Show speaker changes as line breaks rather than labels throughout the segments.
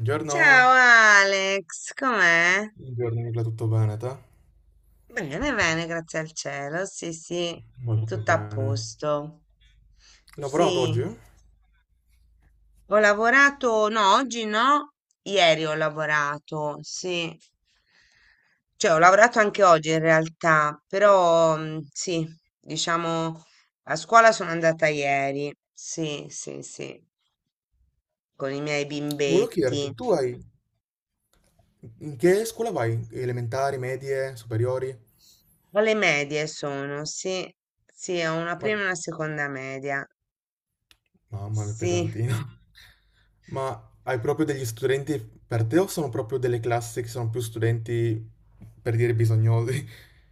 Buongiorno,
Ciao Alex, com'è?
buongiorno Nicola, tutto bene te?
Bene, bene, grazie al cielo. Sì, sì,
Molto
tutto a
bene.
posto.
Lavorato
Sì,
oggi?
ho lavorato, no, oggi no, ieri ho lavorato, sì. Cioè, ho lavorato anche oggi in realtà, però sì, diciamo, a scuola sono andata ieri, sì, sì, sì, con i miei
Volevo
bimbetti.
chiederti, tu hai... in che scuola vai? Elementari, medie, superiori?
Alle medie sono, sì, sì, ho una
Ma...
prima e una seconda media.
mamma mia,
Sì,
pesantino. Ma hai proprio degli studenti per te o sono proprio delle classi che sono più studenti, per dire, bisognosi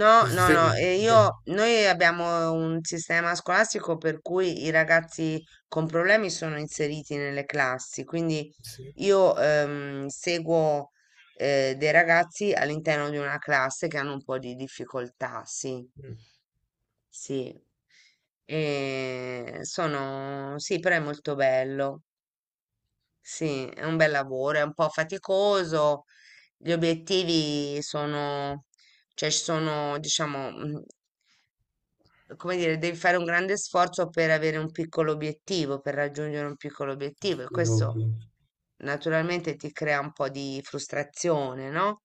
no,
di
no,
sostegno?
no, e
Ok.
io, noi abbiamo un sistema scolastico per cui i ragazzi con problemi sono inseriti nelle classi, quindi
Sì.
io seguo dei ragazzi all'interno di una classe che hanno un po' di difficoltà, sì,
Mm.
sì, e sono, sì, però è molto bello, sì, è un bel lavoro, è un po' faticoso. Gli obiettivi sono, cioè ci sono, diciamo, come dire, devi fare un grande sforzo per avere un piccolo obiettivo, per raggiungere un piccolo obiettivo e
Sì,
questo
ovvio,
naturalmente ti crea un po' di frustrazione, no?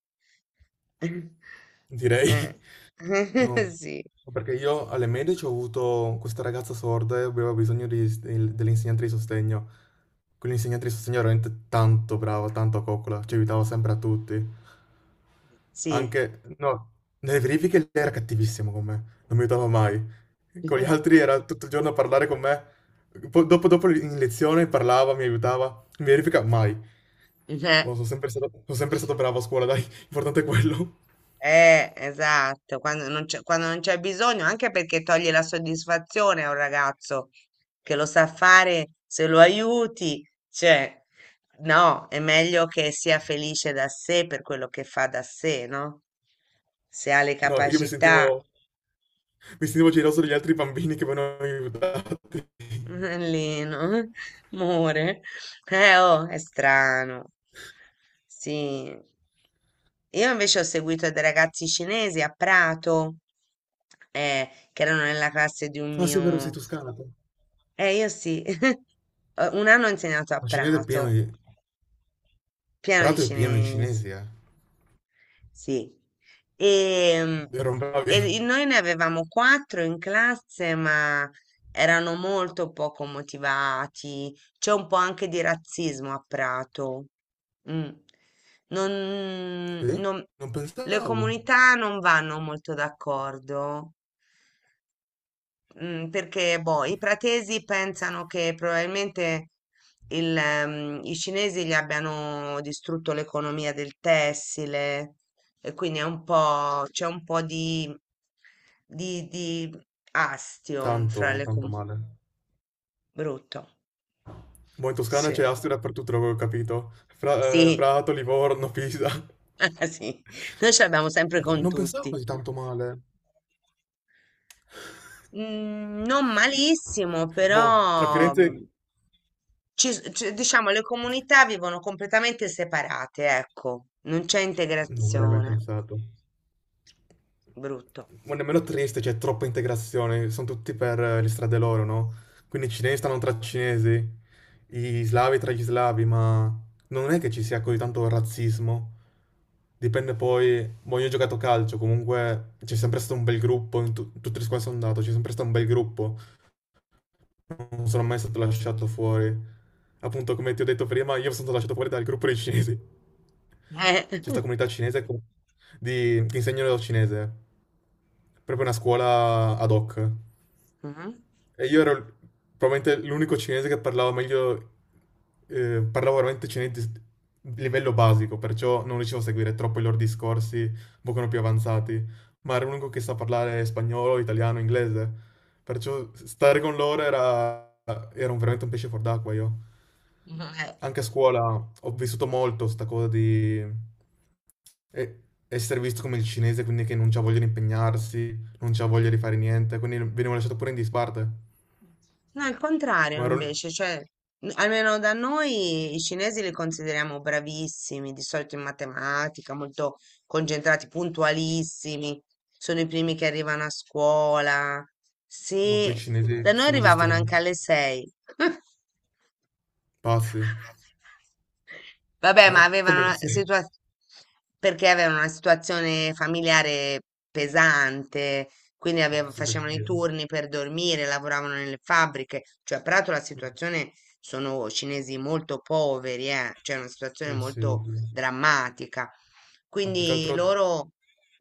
direi.
Eh.
No,
Sì,
no, perché io alle medie ci ho avuto questa ragazza sorda e aveva bisogno dell'insegnante di sostegno. Quell'insegnante di sostegno era veramente tanto brava, tanto a coccola, ci aiutava sempre a tutti.
sì.
Anche, no, nelle verifiche lei era cattivissimo con me, non mi aiutava mai. Con gli altri era tutto il giorno a parlare con me. Poi dopo, dopo in lezione parlava, mi aiutava. In verifica mai.
Eh.
Ma sono sempre stato bravo a scuola, dai, l'importante è quello.
Esatto, quando non c'è bisogno, anche perché toglie la soddisfazione a un ragazzo che lo sa fare, se lo aiuti, cioè, no, è meglio che sia felice da sé per quello che fa da sé, no? Se ha le
No, io mi
capacità,
sentivo... mi sentivo geloso degli altri bambini che venivano aiutati.
Lino, amore, oh, è strano. Sì, io invece ho seguito dei ragazzi cinesi a Prato, che erano nella classe di un
Ah, sì, è vero, sei
mio...
toscana tu.
Io sì, eh, un anno ho insegnato a
Ma cinese è pieno
Prato,
di...
pieno di
Prato è pieno di
cinesi.
cinesi, eh.
Sì. E,
Erano bravi.
e noi ne avevamo quattro in classe, ma erano molto poco motivati. C'è un po' anche di razzismo a Prato. Mm. Non,
Sì?
non-
Non
le
pensavo
comunità non vanno molto d'accordo. Mm, perché boh, i pratesi pensano che probabilmente i cinesi gli abbiano distrutto l'economia del tessile e quindi è un po', c'è un po' di, di astio
tanto,
fra le
tanto
com-
male.
brutto.
Boh, in Toscana
Sì,
c'è Asti dappertutto, l'avevo capito.
sì,
Prato, Livorno, Pisa.
ah, sì. Noi ce l'abbiamo sempre
Boh,
con
non pensavo
tutti.
così tanto male.
Mm, non malissimo,
Boh, tra
però.
Firenze...
Mhmm, diciamo, le comunità vivono completamente separate, ecco, non c'è
Non avrei mai
integrazione,
pensato.
brutto.
Ma nemmeno triste, c'è troppa integrazione, sono tutti per le strade loro, no? Quindi i cinesi stanno tra i cinesi, gli slavi tra gli slavi, ma non è che ci sia così tanto razzismo. Dipende poi, boh, io ho giocato a calcio, comunque c'è sempre stato un bel gruppo, in tutte le squadre sono andato, c'è sempre stato un bel gruppo, non sono mai stato lasciato fuori. Appunto, come ti ho detto prima, io sono stato lasciato fuori dal gruppo dei cinesi.
Eh.
C'è questa comunità cinese che insegnano il cinese, proprio una scuola ad hoc.
Mhm.
E io ero probabilmente l'unico cinese che parlava meglio, parlavo veramente cinese di livello basico, perciò non riuscivo a seguire troppo i loro discorsi, un pochino più avanzati, ma ero l'unico che sa parlare spagnolo, italiano, inglese, perciò stare con loro era, era veramente un pesce fuor d'acqua io.
Eh.
Anche a scuola ho vissuto molto sta cosa di e- essere visto come il cinese, quindi che non c'ha voglia di impegnarsi, non c'aveva voglia di fare niente, quindi venivo lasciato pure in disparte.
No, il
Ma
contrario
ero...
invece, cioè, n- almeno da noi i cinesi li consideriamo bravissimi, di solito in matematica, molto concentrati, puntualissimi, sono i primi che arrivano a scuola.
No, quei
Sì,
cinesi
da noi
sono visti
arrivavano anche
veramente
alle sei.
pazzi.
Vabbè, ma
Eh?
avevano
Come lo
una
sei?
situazione perché avevano una situazione familiare pesante, quindi aveva-
Posso
facevano i
capire.
turni per dormire, lavoravano nelle fabbriche, cioè peraltro la situazione sono cinesi molto poveri, cioè una situazione
Eh sì,
molto
ovvio.
drammatica.
Ma più che
Quindi
altro
loro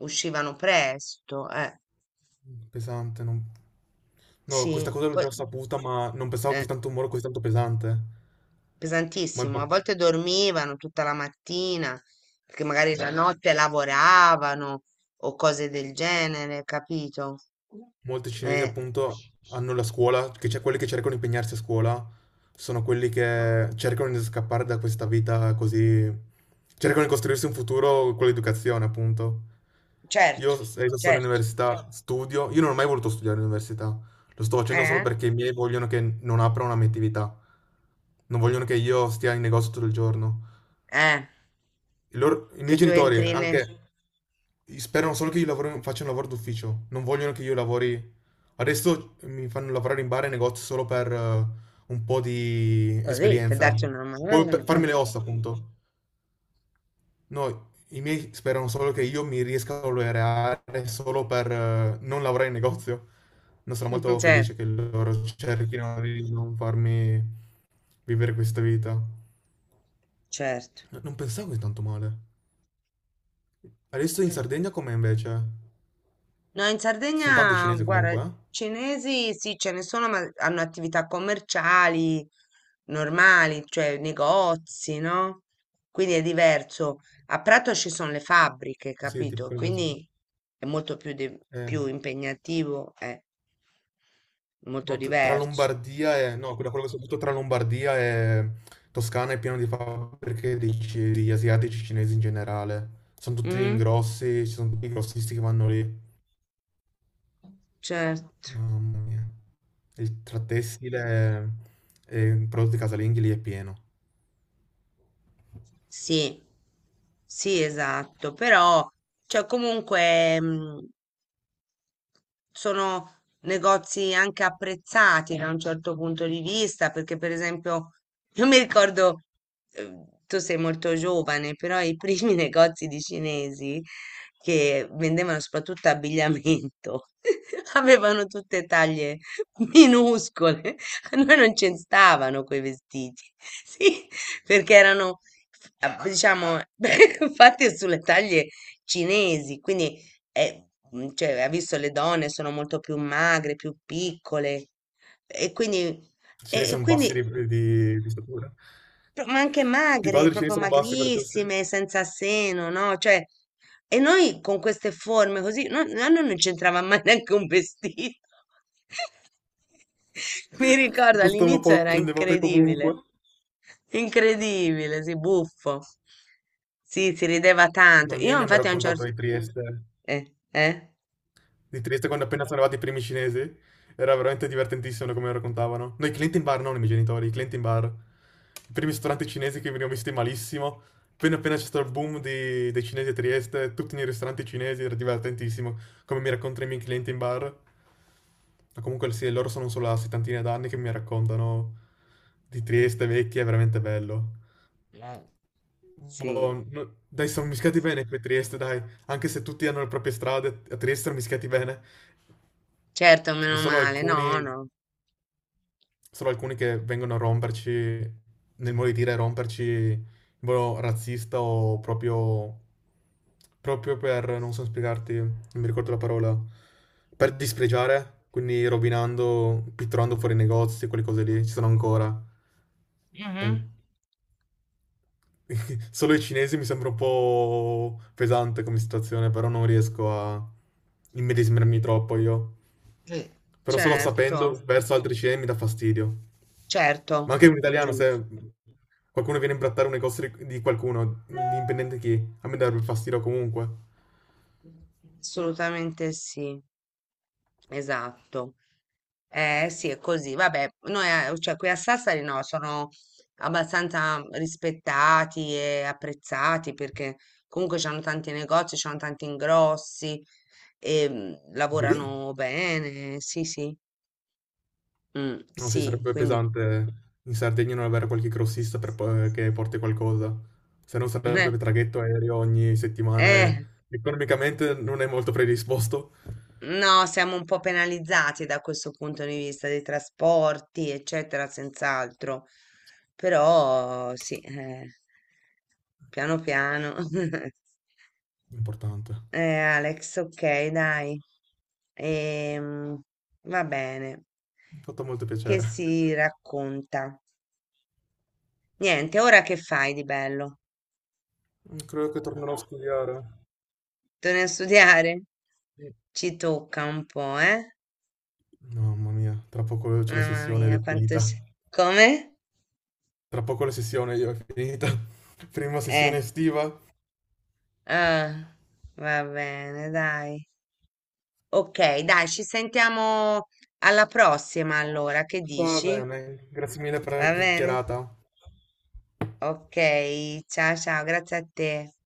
uscivano presto,
pesante, non... No, questa
sì,
cosa l'ho
poi,
già saputa, ma non pensavo
eh,
così tanto un muro così tanto pesante. Ma è
pesantissimo. A
importante.
volte dormivano tutta la mattina, perché magari la notte lavoravano o cose del genere, capito?
Molti cinesi
Eh,
appunto hanno la scuola, che c'è quelli che cercano di impegnarsi a scuola, sono quelli che cercano di scappare da questa vita così, cercano di costruirsi un futuro con l'educazione, appunto.
certo,
Io sono in
certo.
università, studio, io non ho mai voluto studiare all'università, lo sto facendo solo
Eh,
perché i miei vogliono che non apra una mia attività, non vogliono che io stia in negozio tutto il giorno.
eh,
I
che
miei
tu
genitori
entri ne-
anche sperano solo che io faccia un lavoro d'ufficio, non vogliono che io lavori. Adesso mi fanno lavorare in bar e negozi solo per un po' di
così per
esperienza,
darti una
o
mano.
per
Eh,
farmi le ossa, appunto. No, i miei sperano solo che io mi riesca a laureare solo per non lavorare in negozio. Non sarò molto
certo,
felice che loro cerchino di non farmi vivere questa vita. No,
certo.
non pensavo così tanto male. Adesso in Sardegna com'è invece?
No, in
Ci sono tante
Sardegna,
cinesi
guarda,
comunque, eh?
cinesi sì, ce ne sono, ma hanno attività commerciali normali, cioè negozi, no? Quindi è diverso. A Prato ci sono le fabbriche,
Sì, tipo
capito?
quelle cose.
Quindi è molto più, di-
Eh,
più impegnativo, è molto
no, tra
diverso.
Lombardia e... No, quella, quella che soprattutto tra Lombardia e Toscana è pieno di fabbriche di, di asiatici cinesi in generale. Sono tutti gli
Mm?
ingrossi, ci sono tutti i grossisti che vanno lì.
Certo,
Mamma mia. Il, tra tessile e prodotti casalinghi lì è pieno.
sì, sì, esatto, però, cioè, comunque, sono negozi anche apprezzati da un certo punto di vista, perché per esempio, io mi ricordo, tu sei molto giovane, però i primi negozi di cinesi che vendevano soprattutto abbigliamento avevano tutte taglie minuscole, a noi non ci stavano quei vestiti, sì, perché erano, f- a- diciamo, fatti sulle taglie cinesi, quindi eh, cioè, ha visto le donne sono molto più magre, più piccole e quindi,
I cinesi
e
sono bassi
quindi
di statura.
pro- ma anche
Di
magre,
padre i cinesi
proprio
sono bassi, perciò se
magrissime, senza seno, no? Cioè, e noi con queste forme così, no, no, no, non c'entrava mai neanche un vestito. Mi ricordo
costava
all'inizio
poco
era
prendevate
incredibile,
comunque.
incredibile, sì, buffo. Sì, si rideva tanto.
No, i miei
Io
mi hanno
infatti a un
raccontato
certo...
di Trieste,
Eh?
di Trieste quando appena sono arrivati i primi cinesi. Era veramente divertentissimo come lo raccontavano. Noi clienti in bar, non i miei genitori, i clienti in bar. I primi ristoranti cinesi che venivano visti malissimo. Appena appena c'è stato il boom dei cinesi a Trieste, tutti nei ristoranti cinesi, era divertentissimo come mi raccontano i miei clienti in bar. Ma comunque sì, loro sono solo a settantina d'anni che mi raccontano di Trieste vecchia, è veramente bello.
Sì.
Boh, dai, sono mischiati bene qui a Trieste, dai. Anche se tutti hanno le proprie strade, a Trieste sono mischiati bene.
Certo, meno
Solo
male,
alcuni,
no, no,
solo alcuni che vengono a romperci, nel modo di dire, romperci in modo razzista o proprio, proprio per, non so spiegarti, non mi ricordo la parola, per dispregiare, quindi rovinando, pitturando fuori i negozi, quelle cose lì, ci sono ancora. E
Mhm.
solo i cinesi mi sembra un po' pesante come situazione, però non riesco a immedesimarmi troppo io.
Sì,
Però solo
certo,
sapendo verso altri cinesi mi dà fastidio. Ma
certo,
anche un
è
italiano,
giusto,
se qualcuno viene a imbrattare un negozio di qualcuno, indipendente chi, a me darebbe fastidio comunque.
assolutamente sì, esatto. Eh sì, è così, vabbè, noi, a- cioè qui a Sassari no, sono abbastanza rispettati e apprezzati perché comunque c'hanno tanti negozi, c'hanno tanti ingrossi e
Anche lì?
lavorano bene, sì, sì,
Non si
sì,
sarebbe
quindi,
pesante in Sardegna non avere qualche grossista per che porti qualcosa. Se non sarebbe traghetto aereo ogni settimana e
eh,
economicamente non è molto predisposto.
no, siamo un po' penalizzati da questo punto di vista dei trasporti, eccetera, senz'altro. Però sì, piano piano.
Importante.
Alex, ok, dai. Ehm, va bene.
Mi ha fatto molto
Che
piacere.
si racconta? Niente, ora che fai di bello?
Mm, credo che tornerò a studiare.
Torni a studiare?
Mm.
Ci tocca un po', eh?
Mamma mia, tra poco c'è la
Mamma
sessione ed
mia,
è
quanto...
finita.
si- Come?
Tra poco la sessione io è finita. Prima sessione
Eh.
estiva.
Ah, va bene, dai. Ok, dai, ci sentiamo alla prossima allora, che
Va
dici?
bene, grazie mille per la
Va bene?
chiacchierata.
Ok, ciao ciao, grazie a te.